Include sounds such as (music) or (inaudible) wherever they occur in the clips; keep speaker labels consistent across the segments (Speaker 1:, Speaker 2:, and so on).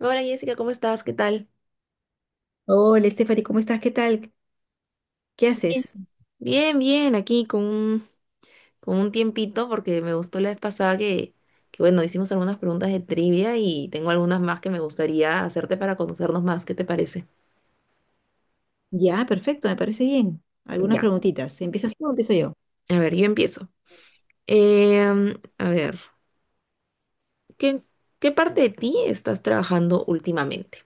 Speaker 1: Hola Jessica, ¿cómo estás? ¿Qué tal?
Speaker 2: Hola, Stephanie, ¿cómo estás? ¿Qué tal? ¿Qué
Speaker 1: Bien.
Speaker 2: haces?
Speaker 1: Bien, bien, aquí con un tiempito porque me gustó la vez pasada que, bueno, hicimos algunas preguntas de trivia y tengo algunas más que me gustaría hacerte para conocernos más. ¿Qué te parece?
Speaker 2: Ya, perfecto, me parece bien. Algunas
Speaker 1: Ya,
Speaker 2: preguntitas. ¿Empiezas tú o empiezo yo?
Speaker 1: a ver, yo empiezo. Em, a ver, ¿qué, qué parte de ti estás trabajando últimamente?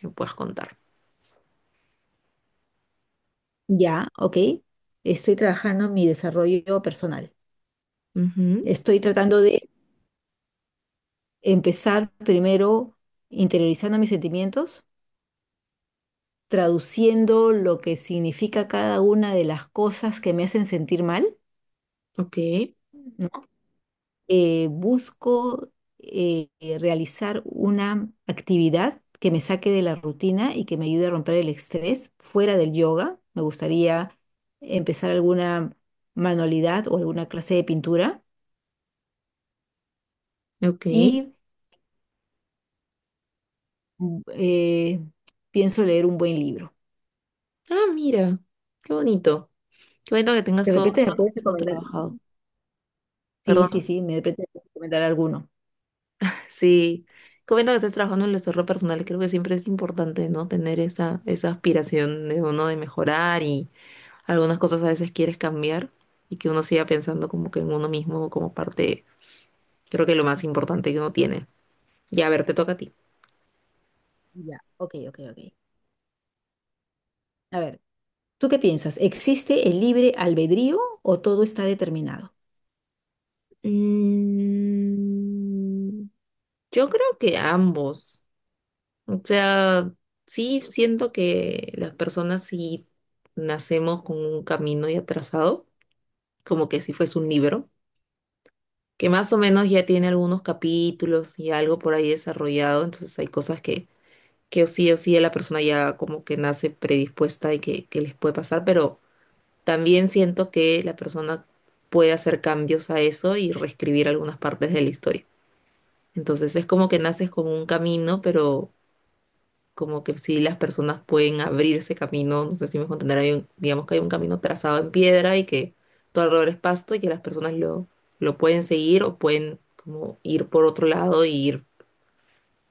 Speaker 1: Que me puedas contar.
Speaker 2: Ya, ok. Estoy trabajando en mi desarrollo personal.
Speaker 1: Ujú,
Speaker 2: Estoy tratando de empezar primero interiorizando mis sentimientos, traduciendo lo que significa cada una de las cosas que me hacen sentir mal,
Speaker 1: ok,
Speaker 2: ¿no? Busco realizar una actividad que me saque de la rutina y que me ayude a romper el estrés fuera del yoga. Me gustaría empezar alguna manualidad o alguna clase de pintura
Speaker 1: ok.
Speaker 2: y mm, eh, pienso leer un buen libro.
Speaker 1: Ah, mira, qué bonito. Qué bonito que
Speaker 2: De
Speaker 1: tengas todo
Speaker 2: repente
Speaker 1: eso,
Speaker 2: me puedes
Speaker 1: eso
Speaker 2: recomendar.
Speaker 1: trabajado.
Speaker 2: Sí,
Speaker 1: Perdón.
Speaker 2: sí, sí, me de repente puedes recomendar alguno.
Speaker 1: Sí, comiendo que estás trabajando en el desarrollo personal, creo que siempre es importante, ¿no? Tener esa aspiración de uno de mejorar y algunas cosas a veces quieres cambiar y que uno siga pensando como que en uno mismo como parte, creo que lo más importante que uno tiene. Ya, a ver, te toca a ti.
Speaker 2: Ya, ok, ok, ok. A ver, ¿tú qué piensas? ¿Existe el libre albedrío o todo está determinado?
Speaker 1: Mm, yo creo que ambos. O sea, sí siento que las personas sí nacemos con un camino ya trazado, como que si fuese un libro, que más o menos ya tiene algunos capítulos y algo por ahí desarrollado. Entonces hay cosas que o sí la persona ya como que nace predispuesta y que les puede pasar, pero también siento que la persona puede hacer cambios a eso y reescribir algunas partes de la historia. Entonces es como que naces con un camino, pero como que si las personas pueden abrirse camino, no sé si me dejo entender, digamos que hay un camino trazado en piedra y que todo alrededor es pasto y que las personas lo pueden seguir o pueden como ir por otro lado y ir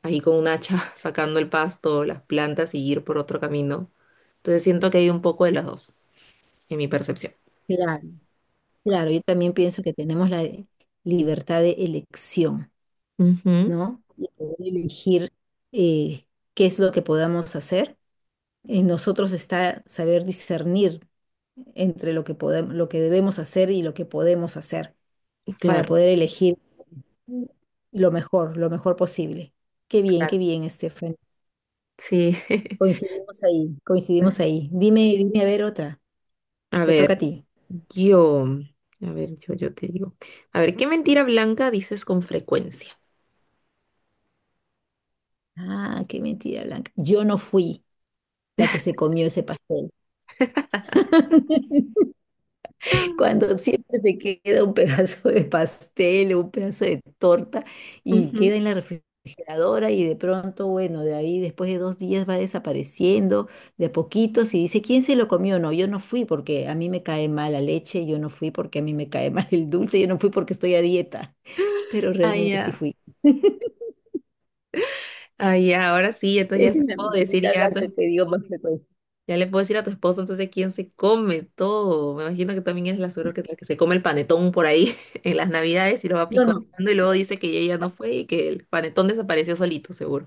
Speaker 1: ahí con un hacha (laughs) sacando el pasto, las plantas y ir por otro camino. Entonces siento que hay un poco de las dos, en mi percepción.
Speaker 2: Claro, claro, yo también pienso que tenemos la libertad de elección,
Speaker 1: Ujú.
Speaker 2: ¿no? Y poder elegir, eh, qué es lo que podamos hacer. En nosotros está saber discernir entre lo que podemos, lo que debemos hacer y lo que podemos hacer para
Speaker 1: Claro,
Speaker 2: poder elegir lo mejor posible.
Speaker 1: claro.
Speaker 2: Qué bien, Estefan.
Speaker 1: Sí. (laughs)
Speaker 2: Coincidimos ahí, coincidimos ahí. Dime, dime a ver otra.
Speaker 1: A
Speaker 2: Te
Speaker 1: ver,
Speaker 2: toca a ti.
Speaker 1: yo, yo te digo. A ver, ¿qué mentira blanca dices con frecuencia?
Speaker 2: Ah, qué mentira, Blanca. Yo no fui la que se comió ese pastel. (laughs) Cuando siempre se queda un pedazo de pastel o un pedazo de torta y queda
Speaker 1: (laughs)
Speaker 2: en la refrigeradora y de pronto, bueno, de ahí después de dos días va desapareciendo de a poquitos y dice, ¿quién se lo comió? No, yo no fui porque a mí me cae mal la leche, yo no fui porque a mí me cae (laughs) mal el dulce, yo no fui porque estoy a dieta, pero
Speaker 1: Ah,
Speaker 2: realmente sí
Speaker 1: ya.
Speaker 2: fui.
Speaker 1: Ah, ya, ahora sí, entonces ya
Speaker 2: Esa
Speaker 1: se
Speaker 2: es
Speaker 1: lo
Speaker 2: la
Speaker 1: puedo decir
Speaker 2: mentirita
Speaker 1: ya
Speaker 2: blanca que digo más frecuencia.
Speaker 1: ya le puedo decir a tu esposo entonces quién se come todo. Me imagino que también es la suegra que, la que se come el panetón por ahí (laughs) en las navidades y lo va
Speaker 2: No, no.
Speaker 1: picoteando y luego dice que ella no fue y que el panetón desapareció solito, seguro.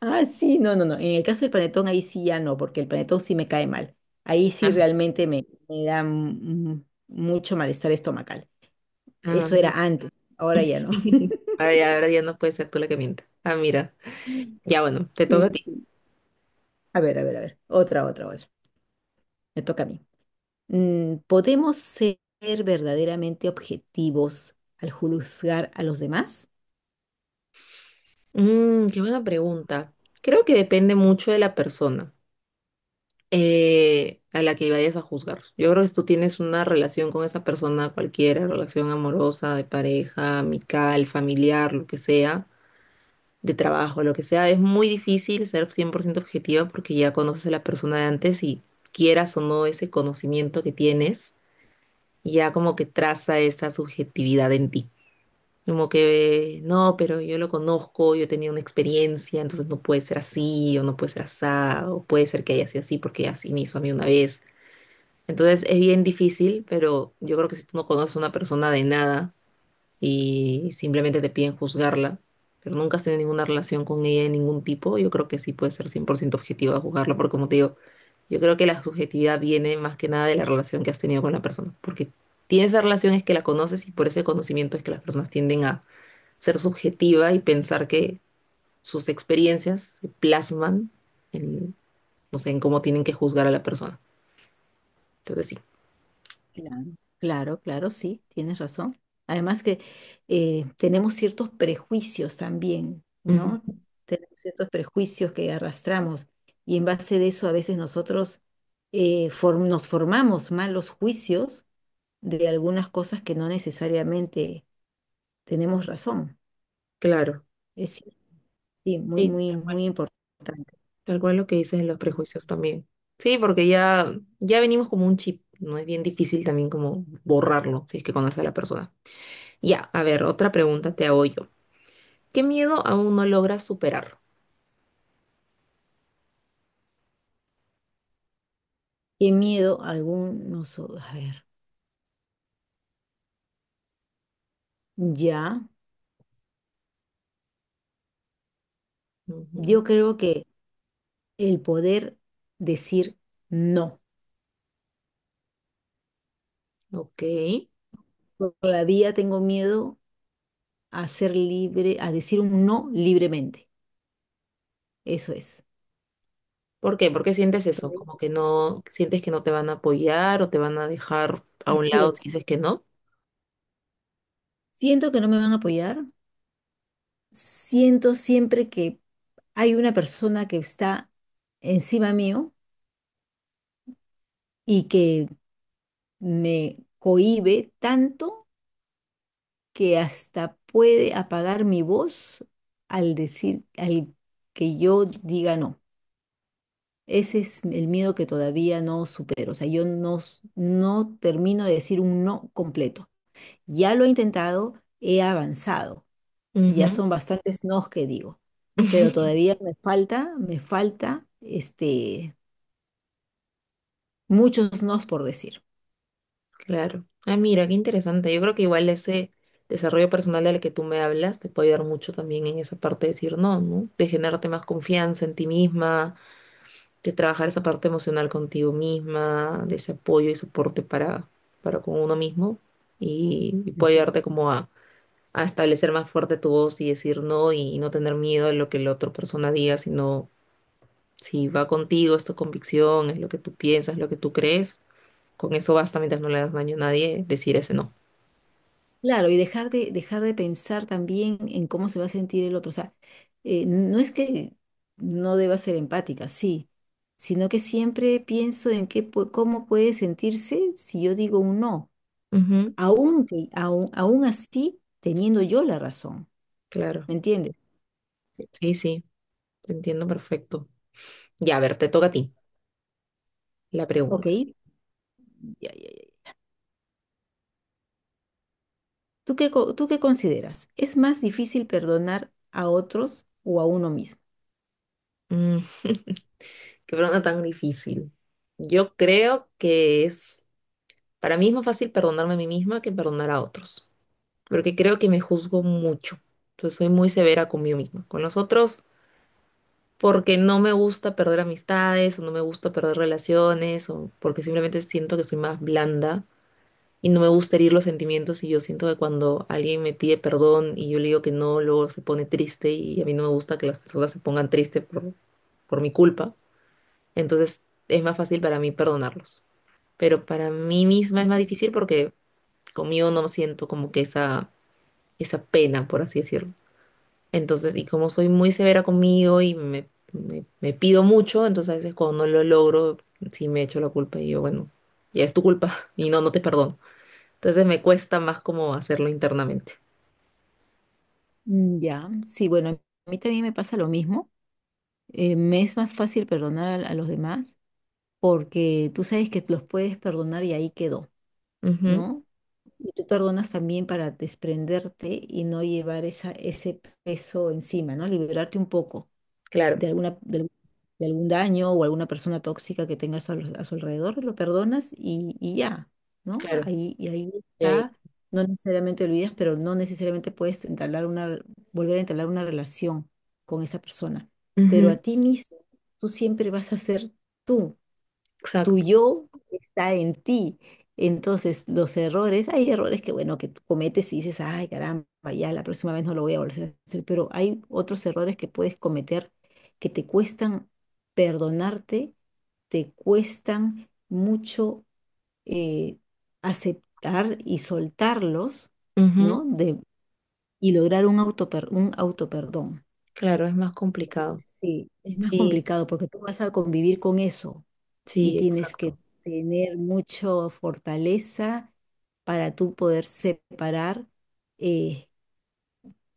Speaker 2: Ah, sí, no, no, no. En el caso del panetón, ahí sí ya no, porque el panetón sí me cae mal. Ahí sí
Speaker 1: Ah,
Speaker 2: realmente me da mucho malestar estomacal. Eso era
Speaker 1: ah.
Speaker 2: antes, ahora ya no.
Speaker 1: (laughs) Ahora ya no puede ser tú la que mienta. Ah, mira.
Speaker 2: (laughs)
Speaker 1: Ya, bueno, te toca a ti.
Speaker 2: Sí. A ver, a ver, a ver. Otra, otra, otra. Me toca a mí. Mm, ¿podemos ser verdaderamente objetivos al juzgar a los demás?
Speaker 1: Mm, qué buena pregunta. Creo que depende mucho de la persona, a la que vayas a juzgar. Yo creo que si tú tienes una relación con esa persona, cualquiera, relación amorosa, de pareja, amical, familiar, lo que sea, de trabajo, lo que sea, es muy difícil ser 100% objetiva porque ya conoces a la persona de antes y, quieras o no, ese conocimiento que tienes ya como que traza esa subjetividad en ti. Como que, no, pero yo lo conozco, yo tenía una experiencia, entonces no puede ser así, o no puede ser así, o puede ser que haya sido así porque así me hizo a mí una vez. Entonces es bien difícil, pero yo creo que si tú no conoces a una persona de nada y simplemente te piden juzgarla, pero nunca has tenido ninguna relación con ella de ningún tipo, yo creo que sí puede ser 100% objetiva juzgarla, porque como te digo, yo creo que la subjetividad viene más que nada de la relación que has tenido con la persona, porque tienes esa relación, es que la conoces y por ese conocimiento es que las personas tienden a ser subjetiva y pensar que sus experiencias se plasman en, no sé, en cómo tienen que juzgar a la persona. Entonces sí.
Speaker 2: Claro, claro, claro, sí, tienes razón. Además que tenemos ciertos prejuicios también,
Speaker 1: Ujú.
Speaker 2: ¿no? Tenemos ciertos prejuicios que arrastramos y en base de eso a veces nosotros nos formamos malos juicios de algunas cosas que no necesariamente tenemos razón.
Speaker 1: Claro.
Speaker 2: Es cier- sí, muy,
Speaker 1: Sí,
Speaker 2: muy, muy importante.
Speaker 1: tal cual lo que dices de los prejuicios también. Sí, porque ya venimos como un chip, ¿no? Es bien difícil también como borrarlo, si es que conoces a la persona. Ya, a ver, otra pregunta te hago yo. ¿Qué miedo aún no logras superar?
Speaker 2: Qué miedo a ver, ya,
Speaker 1: Ujú.
Speaker 2: yo creo que el poder decir no.
Speaker 1: Ok.
Speaker 2: Todavía tengo miedo a ser libre, a decir un no libremente. Eso es.
Speaker 1: ¿Por qué? ¿Por qué sientes eso? Como
Speaker 2: Todavía-
Speaker 1: que no, sientes que no te van a apoyar o te van a dejar a un
Speaker 2: Así
Speaker 1: lado si
Speaker 2: es.
Speaker 1: dices que no.
Speaker 2: Siento que no me van a apoyar. Siento siempre que hay una persona que está encima mío y que me cohíbe tanto que hasta puede apagar mi voz al que yo diga no. Ese es el miedo que todavía no supero. O sea, yo no, s- no termino de decir un no completo. Ya lo he intentado, he avanzado. Ya
Speaker 1: Ujú.
Speaker 2: son bastantes nos que digo.
Speaker 1: (laughs)
Speaker 2: Pero todavía me falta este, muchos nos por decir.
Speaker 1: Claro. Ah, mira, qué interesante. Yo creo que igual ese desarrollo personal del que tú me hablas te puede ayudar mucho también en esa parte de decir no, ¿no? De generarte más confianza en ti misma, de trabajar esa parte emocional contigo misma, de ese apoyo y soporte para con uno mismo. Y puede
Speaker 2: Ujú.
Speaker 1: ayudarte como a establecer más fuerte tu voz y decir no y no tener miedo de lo que la otra persona diga, sino, si va contigo, es tu convicción, es lo que tú piensas, lo que tú crees, con eso basta mientras no le das daño a nadie, decir ese no.
Speaker 2: Claro, y dejar de pensar también en cómo se va a sentir el otro. O sea, no es que no deba ser empática, sí, sino que siempre pienso en cómo puede sentirse si yo digo un no.
Speaker 1: Ujú.
Speaker 2: Aún así teniendo yo la razón,
Speaker 1: Claro,
Speaker 2: ¿me entiendes?
Speaker 1: sí, sí, te entiendo perfecto. Ya, a ver, te toca a ti la
Speaker 2: Ok,
Speaker 1: pregunta.
Speaker 2: ya, ya, ya. ¿Tú qué consideras? ¿Es más difícil perdonar a otros o a uno mismo?
Speaker 1: Mm, (laughs) qué pregunta tan difícil. Yo creo que es, para mí es más fácil perdonarme a mí misma que perdonar a otros, porque creo que me juzgo mucho. Entonces soy muy severa conmigo misma, con los otros, porque no me gusta perder amistades o no me gusta perder relaciones o porque simplemente siento que soy más blanda y no me gusta herir los sentimientos y yo siento que cuando alguien me pide perdón y yo le digo que no, luego se pone triste y a mí no me gusta que las personas se pongan tristes por mi culpa. Entonces es más fácil para mí perdonarlos. Pero para mí misma es más difícil porque conmigo no siento como que esa pena, por así decirlo. Entonces, y como soy muy severa conmigo y me pido mucho, entonces a veces cuando no lo logro, sí me echo la culpa y yo, bueno, ya es tu culpa (laughs) y no, no te perdono. Entonces me cuesta más como hacerlo internamente.
Speaker 2: Mm, ya, sí, bueno, a mí también me pasa lo mismo. Me es más fácil perdonar a los demás porque tú sabes que los puedes perdonar y ahí quedó,
Speaker 1: Ujú.
Speaker 2: ¿no? Y tú perdonas también para desprenderte y no llevar esa, ese peso encima, ¿no? Liberarte un poco.
Speaker 1: Claro,
Speaker 2: Algún de algún daño o alguna persona tóxica que tengas a su alrededor, lo perdonas y ya, ¿no?
Speaker 1: claro.
Speaker 2: Y ahí
Speaker 1: Y ahí.
Speaker 2: está, no necesariamente olvidas, pero no necesariamente puedes volver a entablar una relación con esa persona. Pero
Speaker 1: Ujú.
Speaker 2: a ti mismo, tú siempre vas a ser tú, tu
Speaker 1: Exacto.
Speaker 2: yo está en ti. Entonces, los errores, hay errores que, bueno, que tú cometes y dices, ay, caramba, ya la próxima vez no lo voy a volver a hacer, pero hay otros errores que puedes cometer que te cuestan perdonarte, te cuestan mucho, eh, aceptar y soltarlos,
Speaker 1: Ujú.
Speaker 2: ¿no? De, y lograr un un autoperdón.
Speaker 1: Claro, es más complicado.
Speaker 2: Sí, es más
Speaker 1: Sí,
Speaker 2: complicado porque tú vas a convivir con eso y
Speaker 1: sí,
Speaker 2: tienes que
Speaker 1: exacto.
Speaker 2: tener mucha fortaleza para tú poder separar, eh,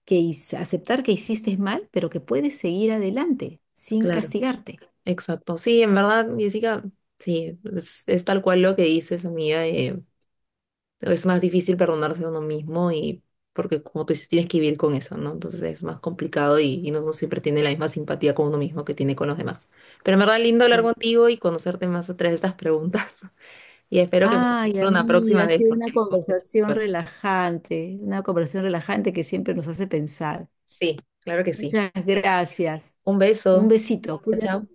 Speaker 2: aceptar que hiciste mal, pero que puedes seguir adelante sin
Speaker 1: Claro,
Speaker 2: castigarte.
Speaker 1: exacto. Sí, en verdad, Jessica, sí, es tal cual lo que dices, amiga. Eh, es más difícil perdonarse a uno mismo y porque, como tú dices, tienes que vivir con eso, ¿no? Entonces es más complicado y no uno siempre tiene la misma simpatía con uno mismo que tiene con los demás. Pero en verdad, lindo hablar
Speaker 2: Ya.
Speaker 1: contigo y conocerte más a través de estas preguntas. Y espero que me
Speaker 2: Ay,
Speaker 1: encuentre una próxima
Speaker 2: amiga, ha
Speaker 1: vez
Speaker 2: sido
Speaker 1: porque me gusta súper.
Speaker 2: una conversación relajante que siempre nos hace pensar.
Speaker 1: Sí, claro que sí.
Speaker 2: Muchas gracias.
Speaker 1: Un
Speaker 2: Un
Speaker 1: beso.
Speaker 2: besito,
Speaker 1: Chao,
Speaker 2: cuídate.
Speaker 1: chao.